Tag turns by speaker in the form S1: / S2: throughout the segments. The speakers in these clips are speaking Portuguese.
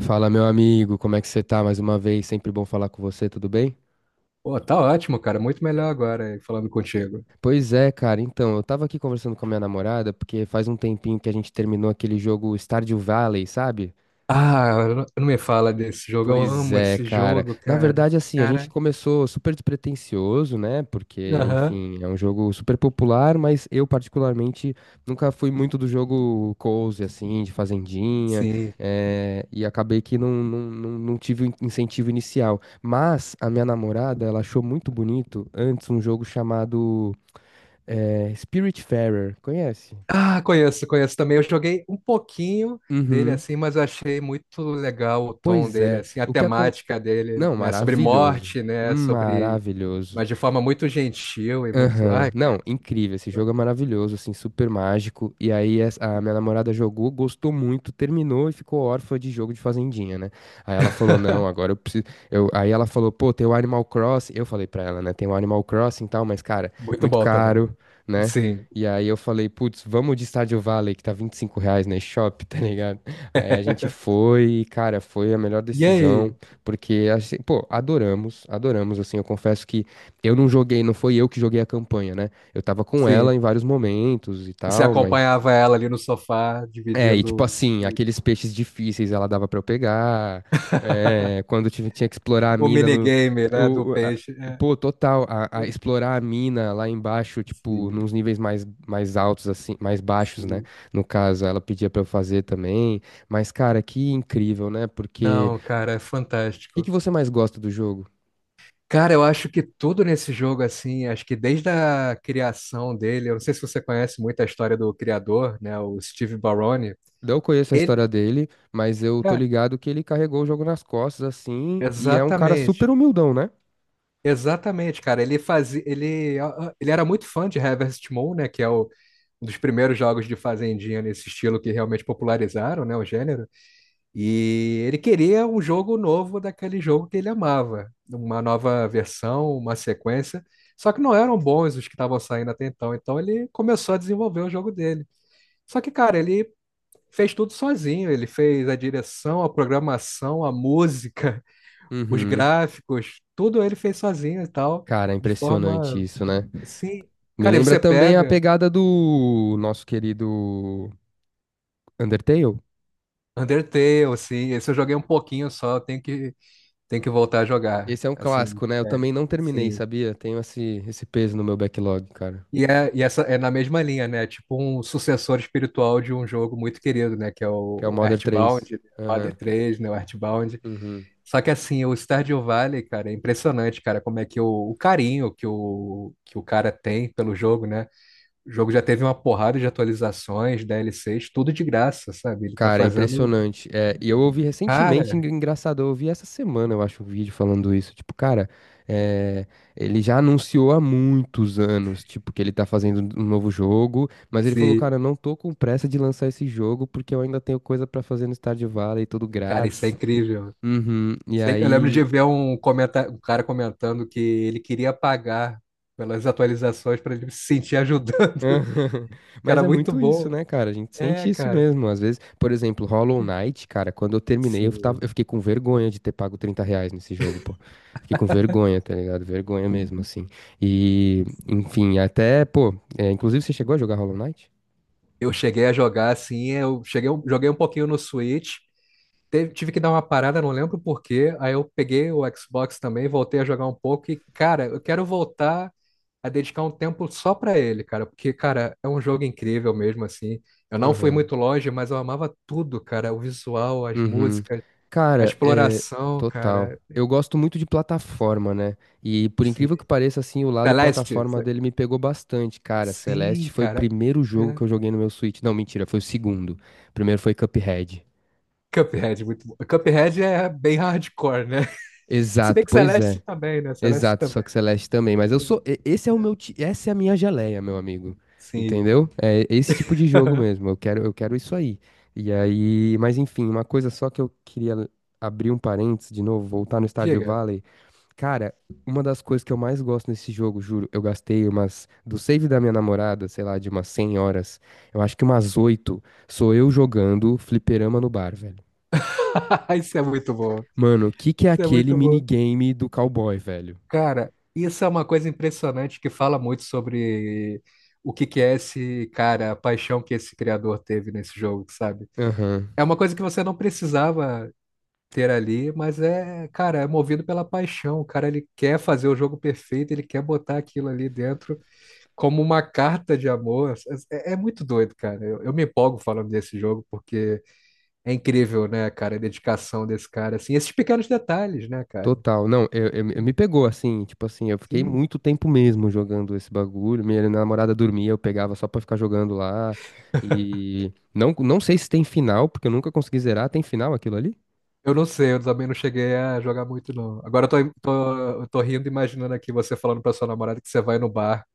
S1: Fala, meu amigo, como é que você tá? Mais uma vez, sempre bom falar com você, tudo bem?
S2: Pô, tá ótimo, cara. Muito melhor agora, falando contigo.
S1: Pois é, cara, então, eu tava aqui conversando com a minha namorada, porque faz um tempinho que a gente terminou aquele jogo Stardew Valley, sabe?
S2: Ah, não me fala desse jogo. Eu
S1: Pois
S2: amo
S1: é,
S2: esse
S1: cara.
S2: jogo,
S1: Na
S2: cara.
S1: verdade, assim, a gente
S2: Cara,
S1: começou super despretensioso, né? Porque,
S2: aham,
S1: enfim, é um jogo super popular, mas eu, particularmente, nunca fui muito do jogo cozy, assim, de fazendinha,
S2: sim.
S1: e acabei que não tive o incentivo inicial. Mas a minha namorada, ela achou muito bonito antes um jogo chamado Spiritfarer. Conhece?
S2: Ah, conheço, conheço também. Eu joguei um pouquinho dele
S1: Uhum.
S2: assim, mas eu achei muito legal o tom
S1: Pois
S2: dele,
S1: é.
S2: assim, a
S1: O que acon—
S2: temática dele,
S1: Não,
S2: né? Sobre
S1: maravilhoso.
S2: morte, né? Sobre.
S1: Maravilhoso.
S2: Mas de forma muito gentil e muito.
S1: Aham.
S2: Ai, cara.
S1: Não, incrível. Esse jogo é maravilhoso, assim, super mágico. E aí a minha namorada jogou, gostou muito, terminou e ficou órfã de jogo de fazendinha, né? Aí ela falou: "Não, agora eu preciso". Eu— Aí ela falou: "Pô, tem o Animal Crossing". Eu falei pra ela, né? Tem o Animal Crossing e tal, mas cara,
S2: Muito
S1: muito
S2: bom também.
S1: caro, né?
S2: Sim.
S1: E aí eu falei: "Putz, vamos de Stardew Valley, que tá R$ 25 na eShop, tá ligado?". Aí a gente foi e, cara, foi a melhor
S2: E
S1: decisão,
S2: aí?
S1: porque assim, pô, adoramos, adoramos assim. Eu confesso que eu não joguei, não foi eu que joguei a campanha, né? Eu tava com ela
S2: Sim.
S1: em vários momentos e
S2: Você
S1: tal, mas.
S2: acompanhava ela ali no sofá,
S1: É, e tipo
S2: dividindo.
S1: assim, aqueles peixes difíceis ela dava pra eu pegar. É, quando eu tinha que explorar a
S2: O
S1: mina no.
S2: minigame, né, do
S1: o- o- a-
S2: peixe. É,
S1: pô, total, a
S2: é,
S1: explorar a mina lá embaixo, tipo,
S2: sim,
S1: nos níveis mais altos, assim, mais baixos, né?
S2: sim.
S1: No caso, ela pedia pra eu fazer também. Mas, cara, que incrível, né? Porque.
S2: Não, cara, é
S1: O que que
S2: fantástico.
S1: você mais gosta do jogo?
S2: Cara, eu acho que tudo nesse jogo, assim, acho que desde a criação dele, eu não sei se você conhece muito a história do criador, né, o Steve Barone.
S1: Não conheço a
S2: Ele,
S1: história dele, mas eu tô
S2: cara,
S1: ligado que ele carregou o jogo nas costas, assim, e é um cara super
S2: exatamente.
S1: humildão, né?
S2: Exatamente, cara. Ele fazia, ele era muito fã de Harvest Moon, né, que é o um dos primeiros jogos de fazendinha nesse estilo que realmente popularizaram, né, o gênero. E ele queria um jogo novo daquele jogo que ele amava, uma nova versão, uma sequência. Só que não eram bons os que estavam saindo até então. Então ele começou a desenvolver o jogo dele. Só que, cara, ele fez tudo sozinho. Ele fez a direção, a programação, a música, os
S1: Uhum.
S2: gráficos, tudo ele fez sozinho e tal,
S1: Cara,
S2: de
S1: impressionante
S2: forma
S1: isso, né?
S2: assim.
S1: Me
S2: Cara, e
S1: lembra
S2: você
S1: também a
S2: pega
S1: pegada do nosso querido Undertale.
S2: Undertale, assim, esse eu joguei um pouquinho só, tenho que voltar a jogar.
S1: Esse é um
S2: Assim,
S1: clássico, né? Eu
S2: é,
S1: também não terminei,
S2: sim.
S1: sabia? Tenho esse peso no meu backlog, cara.
S2: E, é, e essa é na mesma linha, né? Tipo um sucessor espiritual de um jogo muito querido, né? Que é
S1: Que é o
S2: o
S1: Modern 3.
S2: Earthbound, né?
S1: Aham.
S2: Mother 3, né? O Earthbound.
S1: Uhum.
S2: Só que assim, o Stardew Valley, cara, é impressionante, cara, como é que o carinho que o cara tem pelo jogo, né? O jogo já teve uma porrada de atualizações, DLCs, tudo de graça, sabe? Ele tá
S1: Cara, é
S2: fazendo.
S1: impressionante. É, e eu ouvi
S2: Cara,
S1: recentemente, engraçado, eu ouvi essa semana, eu acho, um vídeo falando isso. Tipo, cara, é, ele já anunciou há muitos anos, tipo, que ele tá fazendo um novo jogo, mas ele falou,
S2: se.
S1: cara, eu não tô com pressa de lançar esse jogo porque eu ainda tenho coisa pra fazer no Stardew Valley, tudo
S2: Cara, isso é
S1: grátis.
S2: incrível.
S1: Uhum. E
S2: Eu lembro de
S1: aí.
S2: ver um cara comentando que ele queria pagar pelas atualizações para ele se sentir ajudando,
S1: Aham.
S2: que
S1: Mas
S2: era
S1: é
S2: muito
S1: muito isso,
S2: bom.
S1: né, cara? A gente
S2: É,
S1: sente isso
S2: cara.
S1: mesmo. Às vezes, por exemplo, Hollow Knight, cara, quando eu terminei, eu, tava,
S2: Sim.
S1: eu fiquei com vergonha de ter pago R$ 30 nesse jogo, pô. Fiquei com vergonha, tá ligado? Vergonha mesmo, assim. E, enfim, até, pô, é, inclusive você chegou a jogar Hollow Knight?
S2: Eu cheguei a jogar assim, joguei um pouquinho no Switch, tive que dar uma parada, não lembro por quê. Aí eu peguei o Xbox também, voltei a jogar um pouco e, cara, eu quero voltar a dedicar um tempo só pra ele, cara, porque, cara, é um jogo incrível mesmo assim. Eu não fui
S1: Aham.
S2: muito longe, mas eu amava tudo, cara, o visual, as
S1: Uhum.
S2: músicas. A
S1: Cara, é,
S2: exploração,
S1: total.
S2: cara.
S1: Eu gosto muito de plataforma, né? E por
S2: Sim.
S1: incrível que pareça, assim, o lado
S2: Celeste.
S1: plataforma dele me pegou bastante, cara. Celeste
S2: Sim,
S1: foi o
S2: cara.
S1: primeiro jogo
S2: É.
S1: que eu joguei no meu Switch. Não, mentira, foi o segundo. O primeiro foi Cuphead.
S2: Cuphead, muito bom. Cuphead é bem hardcore, né? Se bem
S1: Exato,
S2: que
S1: pois
S2: Celeste
S1: é.
S2: também, né? Celeste
S1: Exato, só
S2: também.
S1: que Celeste também. Mas eu sou. Esse é o meu. Essa é a minha geleia, meu amigo.
S2: Sim.
S1: Entendeu? É esse tipo de jogo mesmo. Eu quero isso aí. E aí. Mas enfim, uma coisa só que eu queria abrir um parênteses de novo, voltar no Stardew
S2: Diga.
S1: Valley. Cara, uma das coisas que eu mais gosto nesse jogo, juro, eu gastei umas, do save da minha namorada, sei lá, de umas 100 horas, eu acho que umas 8 sou eu jogando fliperama no bar, velho.
S2: Isso é muito bom.
S1: Mano, o que que é
S2: Isso é
S1: aquele
S2: muito bom.
S1: minigame do cowboy, velho?
S2: Cara, isso é uma coisa impressionante que fala muito sobre o que que é esse cara, a paixão que esse criador teve nesse jogo, sabe?
S1: Aham,
S2: É uma coisa que você não precisava ter ali, mas é, cara, é movido pela paixão. O cara ele quer fazer o jogo perfeito, ele quer botar aquilo ali dentro como uma carta de amor. É, é muito doido, cara. Eu me empolgo falando desse jogo porque é incrível, né, cara, a dedicação desse cara, assim, esses pequenos detalhes, né, cara?
S1: total. Não, eu me pegou assim, tipo assim, eu fiquei
S2: Sim.
S1: muito tempo mesmo jogando esse bagulho, minha namorada dormia, eu pegava só pra ficar jogando lá, e não sei se tem final, porque eu nunca consegui zerar, tem final aquilo ali?
S2: Eu não sei, eu também não cheguei a jogar muito, não. Agora eu tô, eu tô rindo, imaginando aqui você falando pra sua namorada que você vai no bar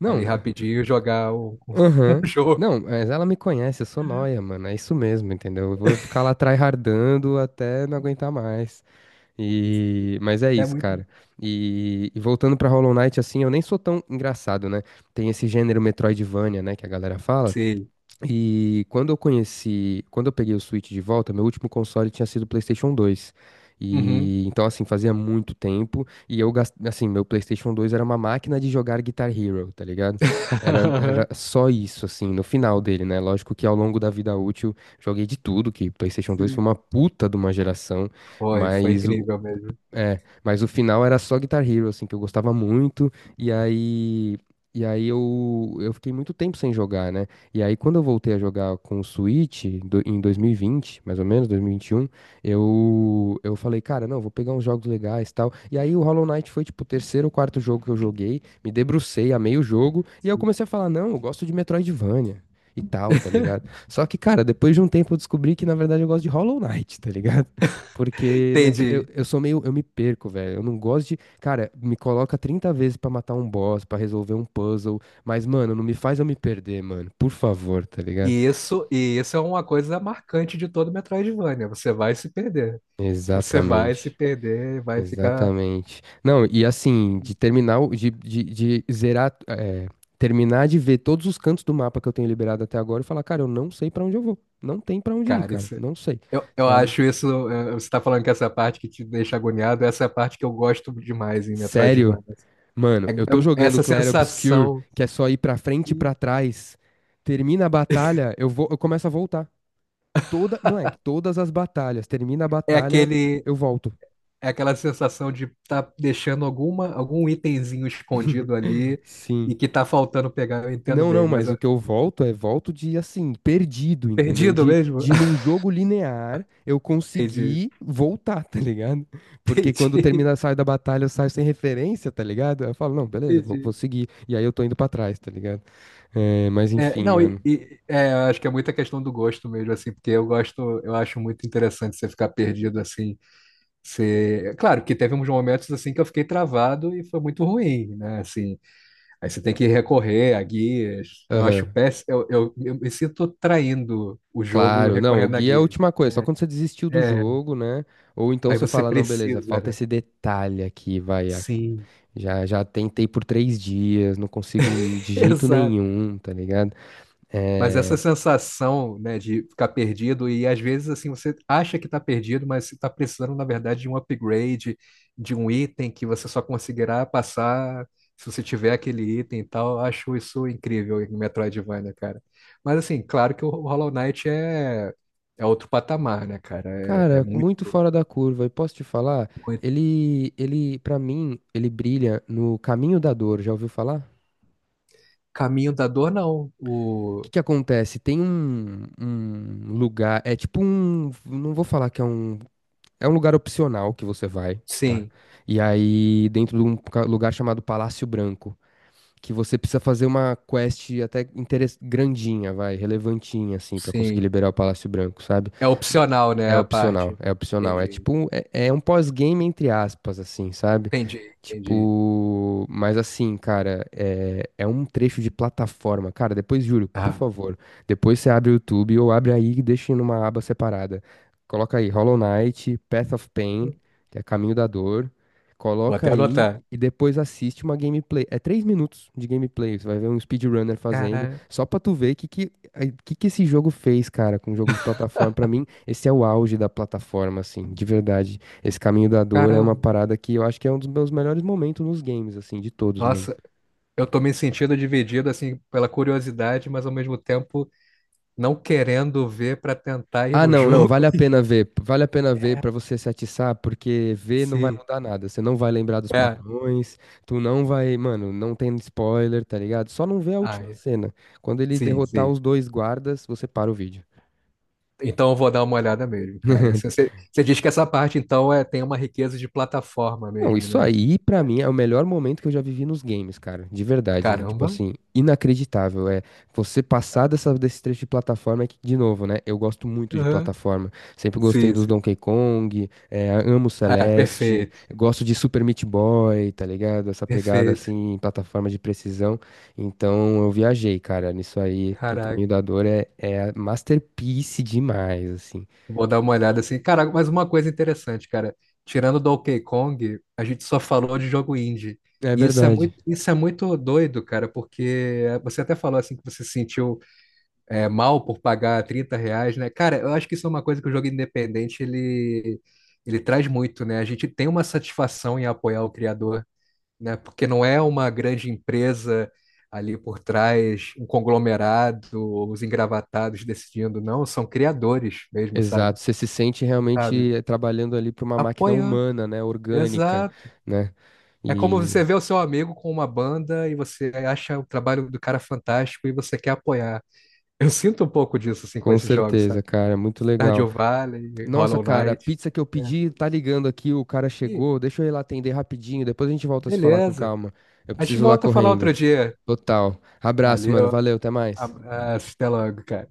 S1: Não.
S2: ali rapidinho jogar um
S1: Aham.
S2: jogo.
S1: Não, mas ela me conhece, eu sou nóia, mano. É isso mesmo, entendeu? Eu vou ficar lá tryhardando até não aguentar mais. E— Mas é
S2: É
S1: isso,
S2: muito.
S1: cara. E— e voltando pra Hollow Knight, assim, eu nem sou tão engraçado, né? Tem esse gênero Metroidvania, né, que a galera fala.
S2: Sim.
S1: E quando eu conheci, quando eu peguei o Switch de volta, meu último console tinha sido o PlayStation 2.
S2: Uhum.
S1: E então assim, fazia muito tempo e eu assim, meu PlayStation 2 era uma máquina de jogar Guitar Hero, tá ligado? Era, era só isso assim, no final dele, né? Lógico que ao longo da vida útil joguei de tudo, que PlayStation 2 foi
S2: Sim,
S1: uma puta de uma geração,
S2: foi
S1: mas o,
S2: incrível mesmo.
S1: mas o final era só Guitar Hero, assim, que eu gostava muito, e aí, eu fiquei muito tempo sem jogar, né? E aí quando eu voltei a jogar com o Switch, em 2020, mais ou menos, 2021, eu falei, cara, não, vou pegar uns jogos legais e tal. E aí o Hollow Knight foi, tipo, o terceiro ou quarto jogo que eu joguei, me debrucei, amei o jogo, e aí eu
S2: Sim.
S1: comecei a falar, não, eu gosto de Metroidvania. E tal, tá ligado? Só que, cara, depois de um tempo eu descobri que na verdade eu gosto de Hollow Knight, tá ligado? Porque eu,
S2: Entendi.
S1: eu sou meio. Eu me perco, velho. Eu não gosto de. Cara, me coloca 30 vezes pra matar um boss, pra resolver um puzzle. Mas, mano, não me faz eu me perder, mano. Por favor, tá ligado?
S2: E isso é uma coisa marcante de todo Metroidvania. Você vai se perder. Você vai se
S1: Exatamente.
S2: perder, e vai ficar.
S1: Exatamente. Não, e assim, de terminar. De zerar. É, terminar de ver todos os cantos do mapa que eu tenho liberado até agora e falar, cara, eu não sei pra onde eu vou. Não tem pra onde ir,
S2: Cara,
S1: cara.
S2: isso,
S1: Não sei,
S2: eu
S1: sabe?
S2: acho isso. Você está falando que essa parte que te deixa agoniado, essa é a parte que eu gosto demais em
S1: Sério?
S2: Metroidvania.
S1: Mano,
S2: É-
S1: eu tô
S2: é
S1: jogando
S2: essa
S1: Clair Obscur,
S2: sensação.
S1: que é só ir pra frente e pra
S2: Sim.
S1: trás. Termina a batalha, eu vou, eu começo a voltar. Moleque, todas as batalhas. Termina a
S2: É
S1: batalha,
S2: aquele,
S1: eu volto.
S2: é aquela sensação de estar tá deixando alguma, algum itemzinho escondido ali e
S1: Sim.
S2: que tá faltando pegar. Eu entendo
S1: Não,
S2: bem,
S1: não,
S2: mas
S1: mas o que eu volto é volto de assim, perdido, entendeu?
S2: perdido
S1: De,
S2: mesmo?
S1: de num jogo linear eu
S2: Entendi,
S1: conseguir voltar, tá ligado? Porque quando
S2: entendi,
S1: termina, sai da batalha, eu saio sem referência, tá ligado? Aí eu falo, não, beleza, vou,
S2: entendi.
S1: seguir. E aí eu tô indo pra trás, tá ligado? É, mas
S2: É,
S1: enfim,
S2: não,
S1: mano.
S2: é, eu acho que é muita questão do gosto mesmo, assim, porque eu gosto, eu acho muito interessante você ficar perdido, assim, você... É claro que teve uns momentos, assim, que eu fiquei travado e foi muito ruim, né, assim, aí você tem que recorrer a guias, eu acho
S1: Aham.
S2: péssimo, eu me sinto traindo o jogo
S1: Claro, não, o
S2: recorrendo a
S1: guia é a
S2: guias.
S1: última coisa, só
S2: É,
S1: quando você desistiu do
S2: é,
S1: jogo, né? Ou então
S2: aí
S1: você
S2: você
S1: fala, não, beleza,
S2: precisa,
S1: falta
S2: né?
S1: esse detalhe aqui, vai,
S2: Sim,
S1: já tentei por 3 dias, não consigo de jeito
S2: exato.
S1: nenhum, tá ligado?
S2: Mas essa
S1: É,
S2: sensação, né, de ficar perdido e às vezes assim você acha que está perdido, mas você está precisando na verdade de um upgrade, de um item que você só conseguirá passar se você tiver aquele item e tal. Eu acho isso incrível em Metroidvania, cara. Mas assim, claro que o Hollow Knight é é outro patamar, né, cara? É, é
S1: cara,
S2: muito,
S1: muito fora da curva, e posso te falar,
S2: muito.
S1: ele, para mim, ele brilha no caminho da dor, já ouviu falar?
S2: Caminho da Dor, não.
S1: O que
S2: O
S1: que acontece? Tem um lugar, é tipo um, não vou falar que é um. É um lugar opcional que você vai, tá?
S2: sim,
S1: E aí, dentro de um lugar chamado Palácio Branco que você precisa fazer uma quest até grandinha, vai, relevantinha, assim, pra conseguir
S2: sim.
S1: liberar o Palácio Branco, sabe?
S2: É opcional, né,
S1: É
S2: a
S1: opcional,
S2: parte.
S1: é opcional. É
S2: Entendi,
S1: tipo, é um pós-game entre aspas, assim, sabe?
S2: entendi, entendi.
S1: Tipo, mas assim, cara, é um trecho de plataforma. Cara, depois, juro, por
S2: Ah.
S1: favor, depois você abre o YouTube ou abre aí e deixa numa aba separada. Coloca aí Hollow Knight, Path of Pain, que é Caminho da Dor,
S2: Vou
S1: coloca
S2: até
S1: aí
S2: anotar.
S1: e depois assiste uma gameplay. É 3 minutos de gameplay. Você vai ver um speedrunner fazendo.
S2: Cara,
S1: Só pra tu ver o que que, ai, que esse jogo fez, cara, com o jogo de plataforma. Pra mim, esse é o auge da plataforma, assim, de verdade. Esse caminho da dor é uma
S2: caramba.
S1: parada que eu acho que é um dos meus melhores momentos nos games, assim, de todos mesmo.
S2: Nossa, eu tô me sentindo dividido assim pela curiosidade, mas ao mesmo tempo não querendo ver pra tentar ir
S1: Ah,
S2: no
S1: não, não,
S2: jogo.
S1: vale a pena ver. Vale a pena ver
S2: É.
S1: para você se atiçar, porque ver não vai
S2: Sim.
S1: mudar nada. Você não vai lembrar dos
S2: É.
S1: padrões, tu não vai, mano, não tem spoiler, tá ligado? Só não vê a
S2: Ah,
S1: última
S2: é.
S1: cena. Quando ele
S2: Sim,
S1: derrotar
S2: sim.
S1: os dois guardas, você para o vídeo.
S2: Então eu vou dar uma olhada mesmo, cara. Se você, você diz que essa parte então é tem uma riqueza de plataforma
S1: Não,
S2: mesmo,
S1: isso
S2: né?
S1: aí, pra mim, é o melhor momento que eu já vivi nos games, cara. De verdade. É, tipo
S2: Caramba.
S1: assim, inacreditável. É você passar desse trecho de plataforma é que, de novo, né? Eu gosto muito de
S2: Aham.
S1: plataforma. Sempre gostei
S2: Sim,
S1: dos
S2: sim.
S1: Donkey Kong, é, amo
S2: Ah,
S1: Celeste,
S2: perfeito.
S1: gosto de Super Meat Boy, tá ligado? Essa pegada
S2: Perfeito.
S1: assim, em plataforma de precisão. Então eu viajei, cara, nisso aí. O
S2: Caraca.
S1: Caminho da Dor é masterpiece demais, assim.
S2: Vou dar uma olhada assim. Cara, mas uma coisa interessante, cara. Tirando Donkey Kong, a gente só falou de jogo indie.
S1: É
S2: E
S1: verdade.
S2: isso é muito doido, cara, porque você até falou assim que você se sentiu mal por pagar R$ 30, né? Cara, eu acho que isso é uma coisa que o jogo independente ele traz muito, né? A gente tem uma satisfação em apoiar o criador, né? Porque não é uma grande empresa ali por trás, um conglomerado, os engravatados decidindo, não, são criadores mesmo,
S1: Exato,
S2: sabe?
S1: você se sente
S2: Sabe?
S1: realmente trabalhando ali para uma máquina
S2: Apoiando.
S1: humana, né, orgânica,
S2: Exato.
S1: né?
S2: É como
S1: E
S2: você vê o seu amigo com uma banda e você acha o trabalho do cara fantástico e você quer apoiar. Eu sinto um pouco disso assim com
S1: com
S2: esses jogos, sabe?
S1: certeza, cara, muito legal.
S2: Stardew Valley,
S1: Nossa,
S2: Hollow
S1: cara, a
S2: Knight.
S1: pizza que eu
S2: É.
S1: pedi tá ligando aqui, o cara
S2: E,
S1: chegou. Deixa eu ir lá atender rapidinho, depois a gente volta a se falar com
S2: beleza.
S1: calma. Eu
S2: A gente
S1: preciso ir lá
S2: volta a falar
S1: correndo.
S2: outro dia.
S1: Total. Abraço, mano.
S2: Valeu.
S1: Valeu, até mais.
S2: Até logo, cara.